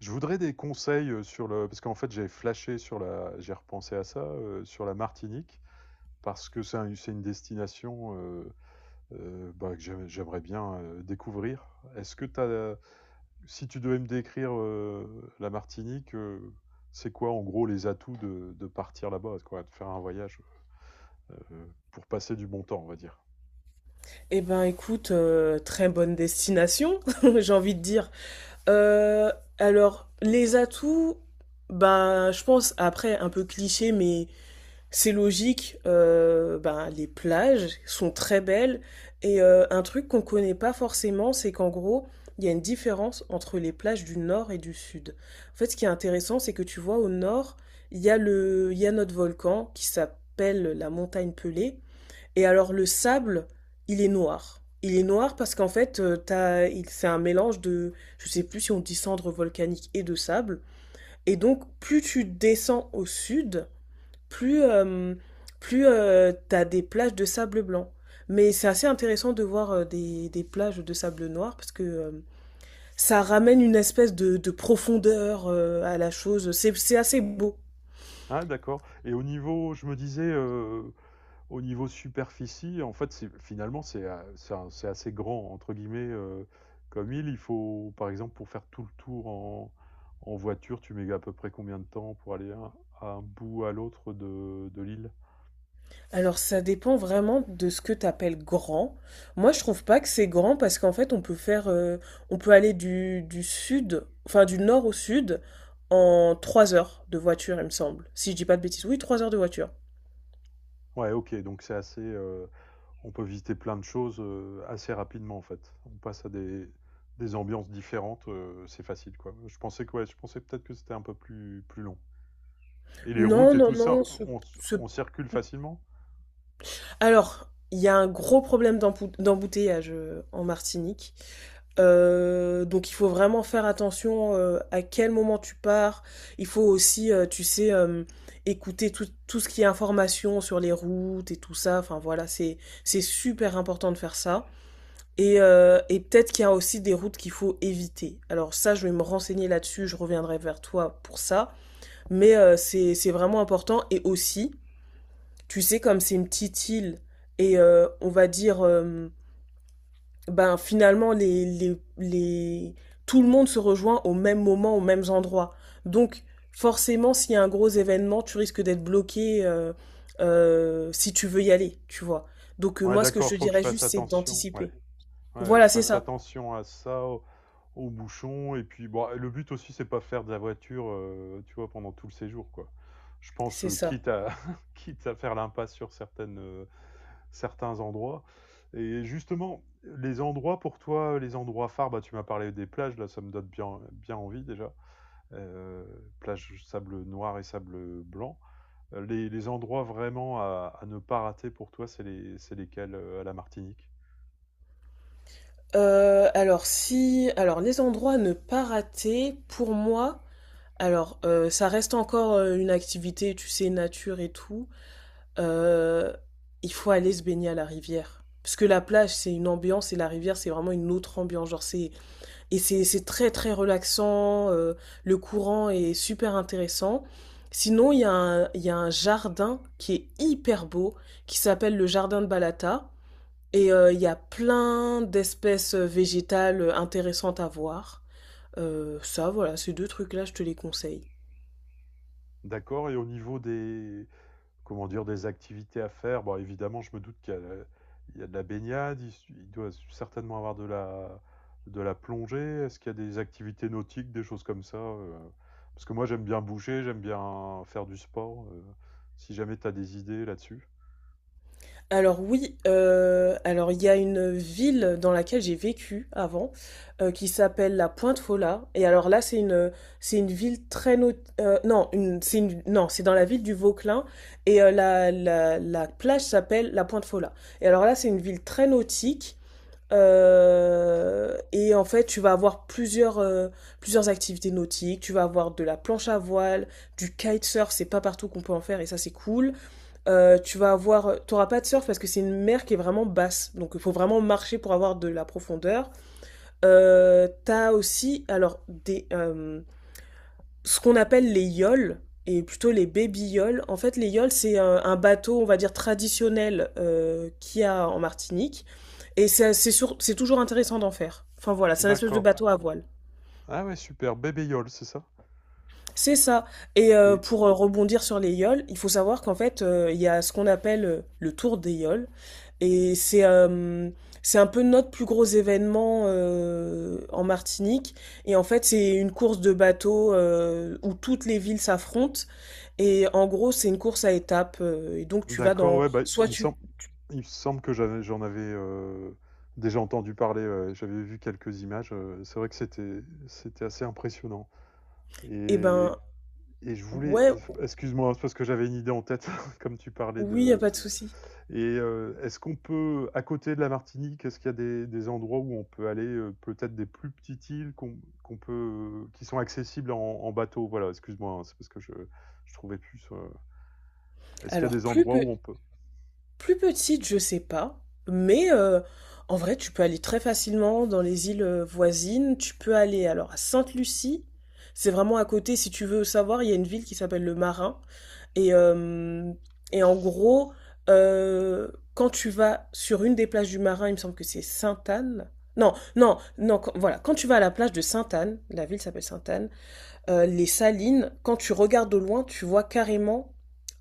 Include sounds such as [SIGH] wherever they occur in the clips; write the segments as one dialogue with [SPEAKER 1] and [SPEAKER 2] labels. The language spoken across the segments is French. [SPEAKER 1] Je voudrais des conseils, sur le parce qu'en fait, j'ai flashé sur la j'ai repensé à ça, sur la Martinique parce que c'est un c'est une destination, bah, que j'aimerais bien, découvrir. Est-ce que tu as si tu devais me décrire, la Martinique, c'est quoi, en gros, les atouts de partir là-bas, quoi, de faire un voyage, heu, pour passer du bon temps, on va dire?
[SPEAKER 2] Eh ben écoute, très bonne destination, [LAUGHS] j'ai envie de dire. Euh, alors, les atouts, ben je pense, après, un peu cliché, mais c'est logique, ben, les plages sont très belles. Et un truc qu'on connaît pas forcément, c'est qu'en gros, il y a une différence entre les plages du nord et du sud. En fait, ce qui est intéressant, c'est que tu vois, au nord, il y a notre volcan qui s'appelle la montagne Pelée. Et alors le sable, il est noir. Il est noir parce qu'en fait, c'est un mélange de, je sais plus si on dit cendres volcaniques et de sable. Et donc, plus tu descends au sud, plus, euh, plus, t'as des plages de sable blanc. Mais c'est assez intéressant de voir des plages de sable noir parce que ça ramène une espèce de profondeur à la chose. C'est assez beau.
[SPEAKER 1] Ah d'accord et au niveau je me disais, au niveau superficie, en fait, c'est finalement, c'est a c'est un c'est assez grand entre guillemets, comme île. Il faut par exemple, pour faire tout le tour en en voiture, tu mets à peu près combien de temps pour aller à un bout à l'autre de l'île?
[SPEAKER 2] Alors ça dépend vraiment de ce que tu appelles grand. Moi, je trouve pas que c'est grand parce qu'en fait, on peut aller du sud, enfin du nord au sud en 3 heures de voiture, il me semble. Si je dis pas de bêtises, oui, 3 heures de voiture.
[SPEAKER 1] Ouais, OK, donc c'est assez, on peut visiter plein de choses, assez rapidement en fait. On passe à des ambiances différentes, c'est facile quoi. Je pensais que ouais, je pensais peut-être que c'était un peu plus long. Et les routes
[SPEAKER 2] Non,
[SPEAKER 1] et
[SPEAKER 2] non,
[SPEAKER 1] tout ça,
[SPEAKER 2] non. ce, ce
[SPEAKER 1] on circule facilement?
[SPEAKER 2] Alors, il y a un gros problème d'embouteillage en Martinique. Donc il faut vraiment faire attention à quel moment tu pars. Il faut aussi, tu sais, écouter tout ce qui est information sur les routes et tout ça. Enfin voilà, c'est super important de faire ça. Et peut-être qu'il y a aussi des routes qu'il faut éviter. Alors ça, je vais me renseigner là-dessus, je reviendrai vers toi pour ça. Mais c'est vraiment important. Et aussi, tu sais, comme c'est une petite île, et on va dire, ben finalement, tout le monde se rejoint au même moment, aux mêmes endroits. Donc, forcément, s'il y a un gros événement, tu risques d'être bloqué si tu veux y aller, tu vois. Donc,
[SPEAKER 1] Ouais
[SPEAKER 2] moi, ce que je te
[SPEAKER 1] d'accord, faut que je
[SPEAKER 2] dirais
[SPEAKER 1] fasse
[SPEAKER 2] juste, c'est
[SPEAKER 1] attention. Ouais.
[SPEAKER 2] d'anticiper.
[SPEAKER 1] Ouais, ouais,
[SPEAKER 2] Voilà,
[SPEAKER 1] je
[SPEAKER 2] c'est
[SPEAKER 1] fasse
[SPEAKER 2] ça.
[SPEAKER 1] attention à ça, au aux bouchons et puis bon, le but aussi c'est pas faire de la voiture, tu vois, pendant tout le séjour, quoi. Je pense,
[SPEAKER 2] C'est ça.
[SPEAKER 1] quitte à [LAUGHS] quitte à faire l'impasse sur certaines, certains endroits et justement, les endroits pour toi, les endroits phares, bah, tu m'as parlé des plages, là, ça me donne bien envie déjà, heu, plage sable noir et sable, blanc. Les endroits vraiment à ne pas rater pour toi, c'est les c'est lesquels, à la Martinique?
[SPEAKER 2] Alors, les endroits à ne pas rater, pour moi, alors, ça reste encore une activité, tu sais, nature et tout. euh, il faut aller se baigner à la rivière. Parce que la plage, c'est une ambiance et la rivière, c'est vraiment une autre ambiance. Et c'est très, très relaxant. Le courant est super intéressant. Sinon, il y a un jardin qui est hyper beau, qui s'appelle le jardin de Balata. Et il y a plein d'espèces végétales intéressantes à voir. Ça, voilà, ces deux trucs-là, je te les conseille.
[SPEAKER 1] D'accord et au niveau des comment dire? Des activités à faire? Bon, évidemment, je me doute qu'il y a la il y a de la baignade, il doit certainement avoir de la plongée. Est-ce qu'il y a des activités nautiques, des choses comme ça, Parce que moi, j'aime bien bouger, j'aime bien faire du sport, si jamais tu as des idées là-dessus?
[SPEAKER 2] Alors oui, alors il y a une ville dans laquelle j'ai vécu avant, qui s'appelle la Pointe Fola et alors là c'est une ville très not non une c'est une non c'est dans la ville du Vauclin et la plage s'appelle la Pointe Fola et alors là c'est une ville très nautique, et en fait tu vas avoir plusieurs activités nautiques. Tu vas avoir de la planche à voile, du kitesurf, c'est pas partout qu'on peut en faire et ça c'est cool. T'auras pas de surf parce que c'est une mer qui est vraiment basse, donc il faut vraiment marcher pour avoir de la profondeur. T'as aussi, alors ce qu'on appelle les yoles et plutôt les baby yoles. En fait, les yoles c'est un bateau, on va dire traditionnel qu'il y a en Martinique, et c'est toujours intéressant d'en faire. Enfin voilà, c'est un espèce de
[SPEAKER 1] D'accord.
[SPEAKER 2] bateau à voile.
[SPEAKER 1] Ah ouais, super, bébé-yole, c'est ça?
[SPEAKER 2] C'est ça. Et
[SPEAKER 1] Et
[SPEAKER 2] pour rebondir sur les yoles, il faut savoir qu'en fait, il y a ce qu'on appelle le tour des yoles. Et c'est un peu notre plus gros événement en Martinique. Et en fait, c'est une course de bateau où toutes les villes s'affrontent. Et en gros, c'est une course à étapes. Et donc, tu vas
[SPEAKER 1] d'accord,
[SPEAKER 2] dans...
[SPEAKER 1] ouais, bah, il
[SPEAKER 2] Soit
[SPEAKER 1] me
[SPEAKER 2] tu...
[SPEAKER 1] semble il me semble que j'avais j'en avais, déjà entendu parler, ouais, j'avais vu quelques images, c'est vrai que c'était assez impressionnant
[SPEAKER 2] Eh
[SPEAKER 1] et
[SPEAKER 2] ben,
[SPEAKER 1] Et je voulais,
[SPEAKER 2] ouais,
[SPEAKER 1] excuse-moi, hein, c'est parce que j'avais une idée en tête [LAUGHS] comme tu parlais
[SPEAKER 2] oui, y a
[SPEAKER 1] de
[SPEAKER 2] pas de souci.
[SPEAKER 1] et est-ce qu'on peut à côté de la Martinique, est-ce qu'il y a des endroits où on peut aller, peut-être des plus petites îles qu'on peut qui sont accessibles en en bateau? Voilà, excuse-moi, hein, c'est parce que je trouvais plus, est-ce qu'il y a
[SPEAKER 2] Alors,
[SPEAKER 1] des endroits où on peut
[SPEAKER 2] plus petite, je sais pas. Mais en vrai, tu peux aller très facilement dans les îles voisines. Tu peux aller alors à Sainte-Lucie. C'est vraiment à côté, si tu veux savoir, il y a une ville qui s'appelle le Marin. Et, euh, et en gros, euh, quand tu vas sur une des plages du Marin, il me semble que c'est Sainte-Anne. Non, non, non, voilà. Quand tu vas à la plage de Sainte-Anne, la ville s'appelle Sainte-Anne, les salines, quand tu regardes au loin, tu vois carrément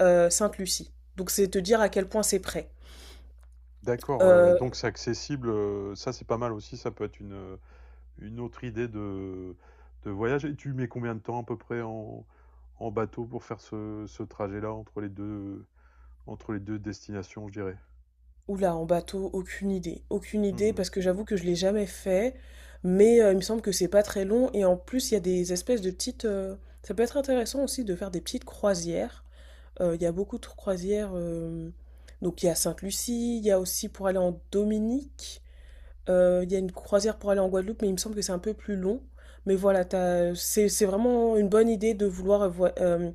[SPEAKER 2] Sainte-Lucie. Donc c'est te dire à quel point c'est près.
[SPEAKER 1] d'accord, ouais, ouais,
[SPEAKER 2] Euh,
[SPEAKER 1] donc c'est accessible, ça c'est pas mal aussi, ça peut être une autre idée de voyage et tu mets combien de temps à peu près en en bateau pour faire ce ce trajet-là entre les 2 entre les 2 destinations, je dirais.
[SPEAKER 2] Oula, en bateau, aucune idée. Aucune idée,
[SPEAKER 1] Mmh.
[SPEAKER 2] parce que j'avoue que je l'ai jamais fait, mais il me semble que c'est pas très long. Et en plus, il y a des espèces de petites. Ça peut être intéressant aussi de faire des petites croisières. Il y a beaucoup de croisières. Donc il y a Sainte-Lucie, il y a aussi pour aller en Dominique. Il y a une croisière pour aller en Guadeloupe, mais il me semble que c'est un peu plus long. Mais voilà, c'est vraiment une bonne idée de vouloir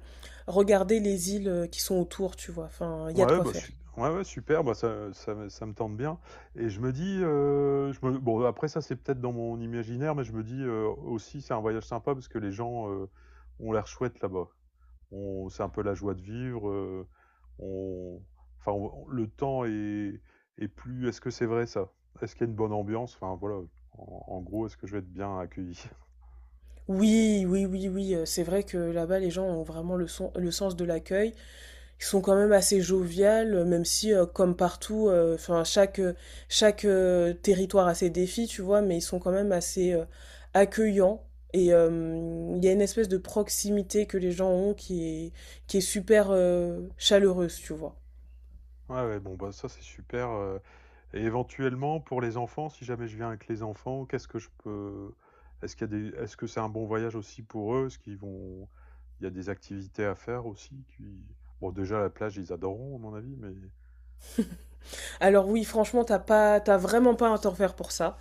[SPEAKER 2] regarder les îles qui sont autour, tu vois. Enfin, il y a de
[SPEAKER 1] Ouais,
[SPEAKER 2] quoi
[SPEAKER 1] bah,
[SPEAKER 2] faire.
[SPEAKER 1] su ouais, ouais, super, bah, ça me tente bien et je me dis, je me bon après ça, c'est peut-être dans mon imaginaire, mais je me dis, aussi c'est un voyage sympa parce que les gens, ont l'air chouettes là-bas. On c'est un peu la joie de vivre, on enfin on le temps est est plus est-ce que c'est vrai ça? Est-ce qu'il y a une bonne ambiance? Enfin voilà, en en gros, est-ce que je vais être bien accueilli? [LAUGHS]
[SPEAKER 2] Oui, oui, oui, oui, c'est vrai que là-bas, les gens ont vraiment le sens de l'accueil. Ils sont quand même assez joviales, même si, comme partout, enfin chaque, territoire a ses défis, tu vois? Mais ils sont quand même assez, accueillants et il y a une espèce de proximité que les gens ont qui est super, chaleureuse, tu vois?
[SPEAKER 1] Ouais, ouais, bon, bah, ça, c'est super, et éventuellement, pour les enfants, si jamais je viens avec les enfants, qu'est-ce que je peux. Est-ce qu'il y a des... Est-ce que c'est un bon voyage aussi pour eux? Est-ce qu'ils vont. Il y a des activités à faire aussi qui... Bon, déjà, la plage, ils adoreront, à mon avis, mais.
[SPEAKER 2] Alors oui, franchement, t'as vraiment pas à t'en faire pour ça.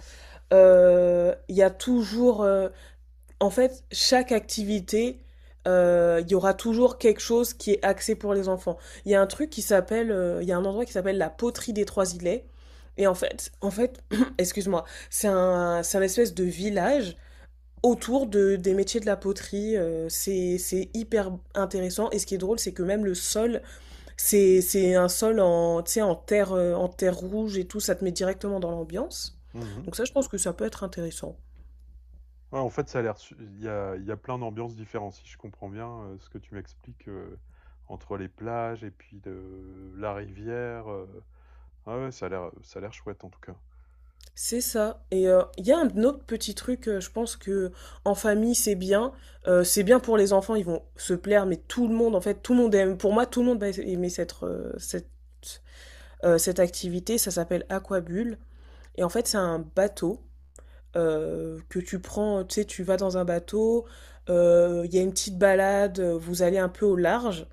[SPEAKER 2] Il y a toujours, En fait, chaque activité, il y aura toujours quelque chose qui est axé pour les enfants. Il y a un endroit qui s'appelle la poterie des Trois Îlets. Et [CLEARS THROAT] excuse-moi, c'est un espèce de village autour des métiers de la poterie. C'est hyper intéressant. Et ce qui est drôle, c'est que même le sol c'est un sol en, tu sais, en terre rouge et tout, ça te met directement dans l'ambiance.
[SPEAKER 1] Mhm.
[SPEAKER 2] Donc ça, je pense que ça peut être intéressant.
[SPEAKER 1] Ouais, en fait, ça a l'air. Su- Il y a plein d'ambiances différentes, si je comprends bien ce que tu m'expliques entre les plages et puis le- la rivière. Ah ouais, ça a l'air chouette en tout cas.
[SPEAKER 2] C'est ça. Et il y a un autre petit truc, je pense que en famille, c'est bien. C'est bien pour les enfants, ils vont se plaire, mais tout le monde, en fait, tout le monde aime. Pour moi, tout le monde va aimer cette activité. Ça s'appelle Aquabulle. Et en fait, c'est un bateau que tu prends, tu sais, tu vas dans un bateau, il y a une petite balade, vous allez un peu au large.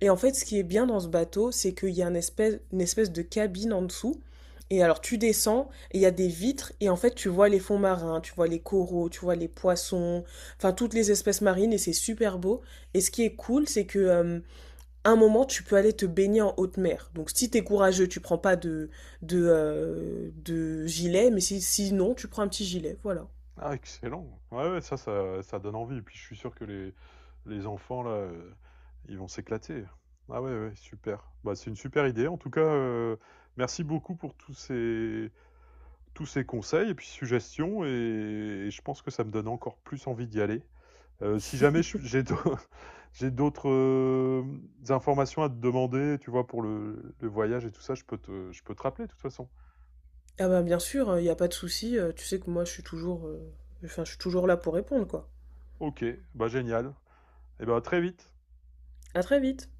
[SPEAKER 2] Et en fait, ce qui est bien dans ce bateau, c'est qu'il y a une espèce de cabine en dessous. Et alors, tu descends, et il y a des vitres, et en fait, tu vois les fonds marins, tu vois les coraux, tu vois les poissons, enfin, toutes les espèces marines, et c'est super beau. Et ce qui est cool, c'est que, à un moment, tu peux aller te baigner en haute mer. Donc, si t'es courageux, tu prends pas de gilet, mais si, sinon, tu prends un petit gilet, voilà.
[SPEAKER 1] Ah, excellent. Ouais, ouais, ça donne envie. Et puis, je suis sûr que les enfants, là, ils vont s'éclater. Ah ouais, ouais, super. Bah, c'est une super idée. En tout cas, merci beaucoup pour tous ces conseils et puis suggestions. Et je pense que ça me donne encore plus envie d'y aller. Si jamais je- j'ai d'au- [LAUGHS] j'ai d'autres informations à te demander, tu vois, pour le voyage et tout ça, je peux te rappeler de toute façon.
[SPEAKER 2] Ah bah, bien sûr, il y a pas de souci, tu sais que moi enfin je suis toujours là pour répondre quoi.
[SPEAKER 1] OK, bah génial. Et bah à très vite.
[SPEAKER 2] À très vite.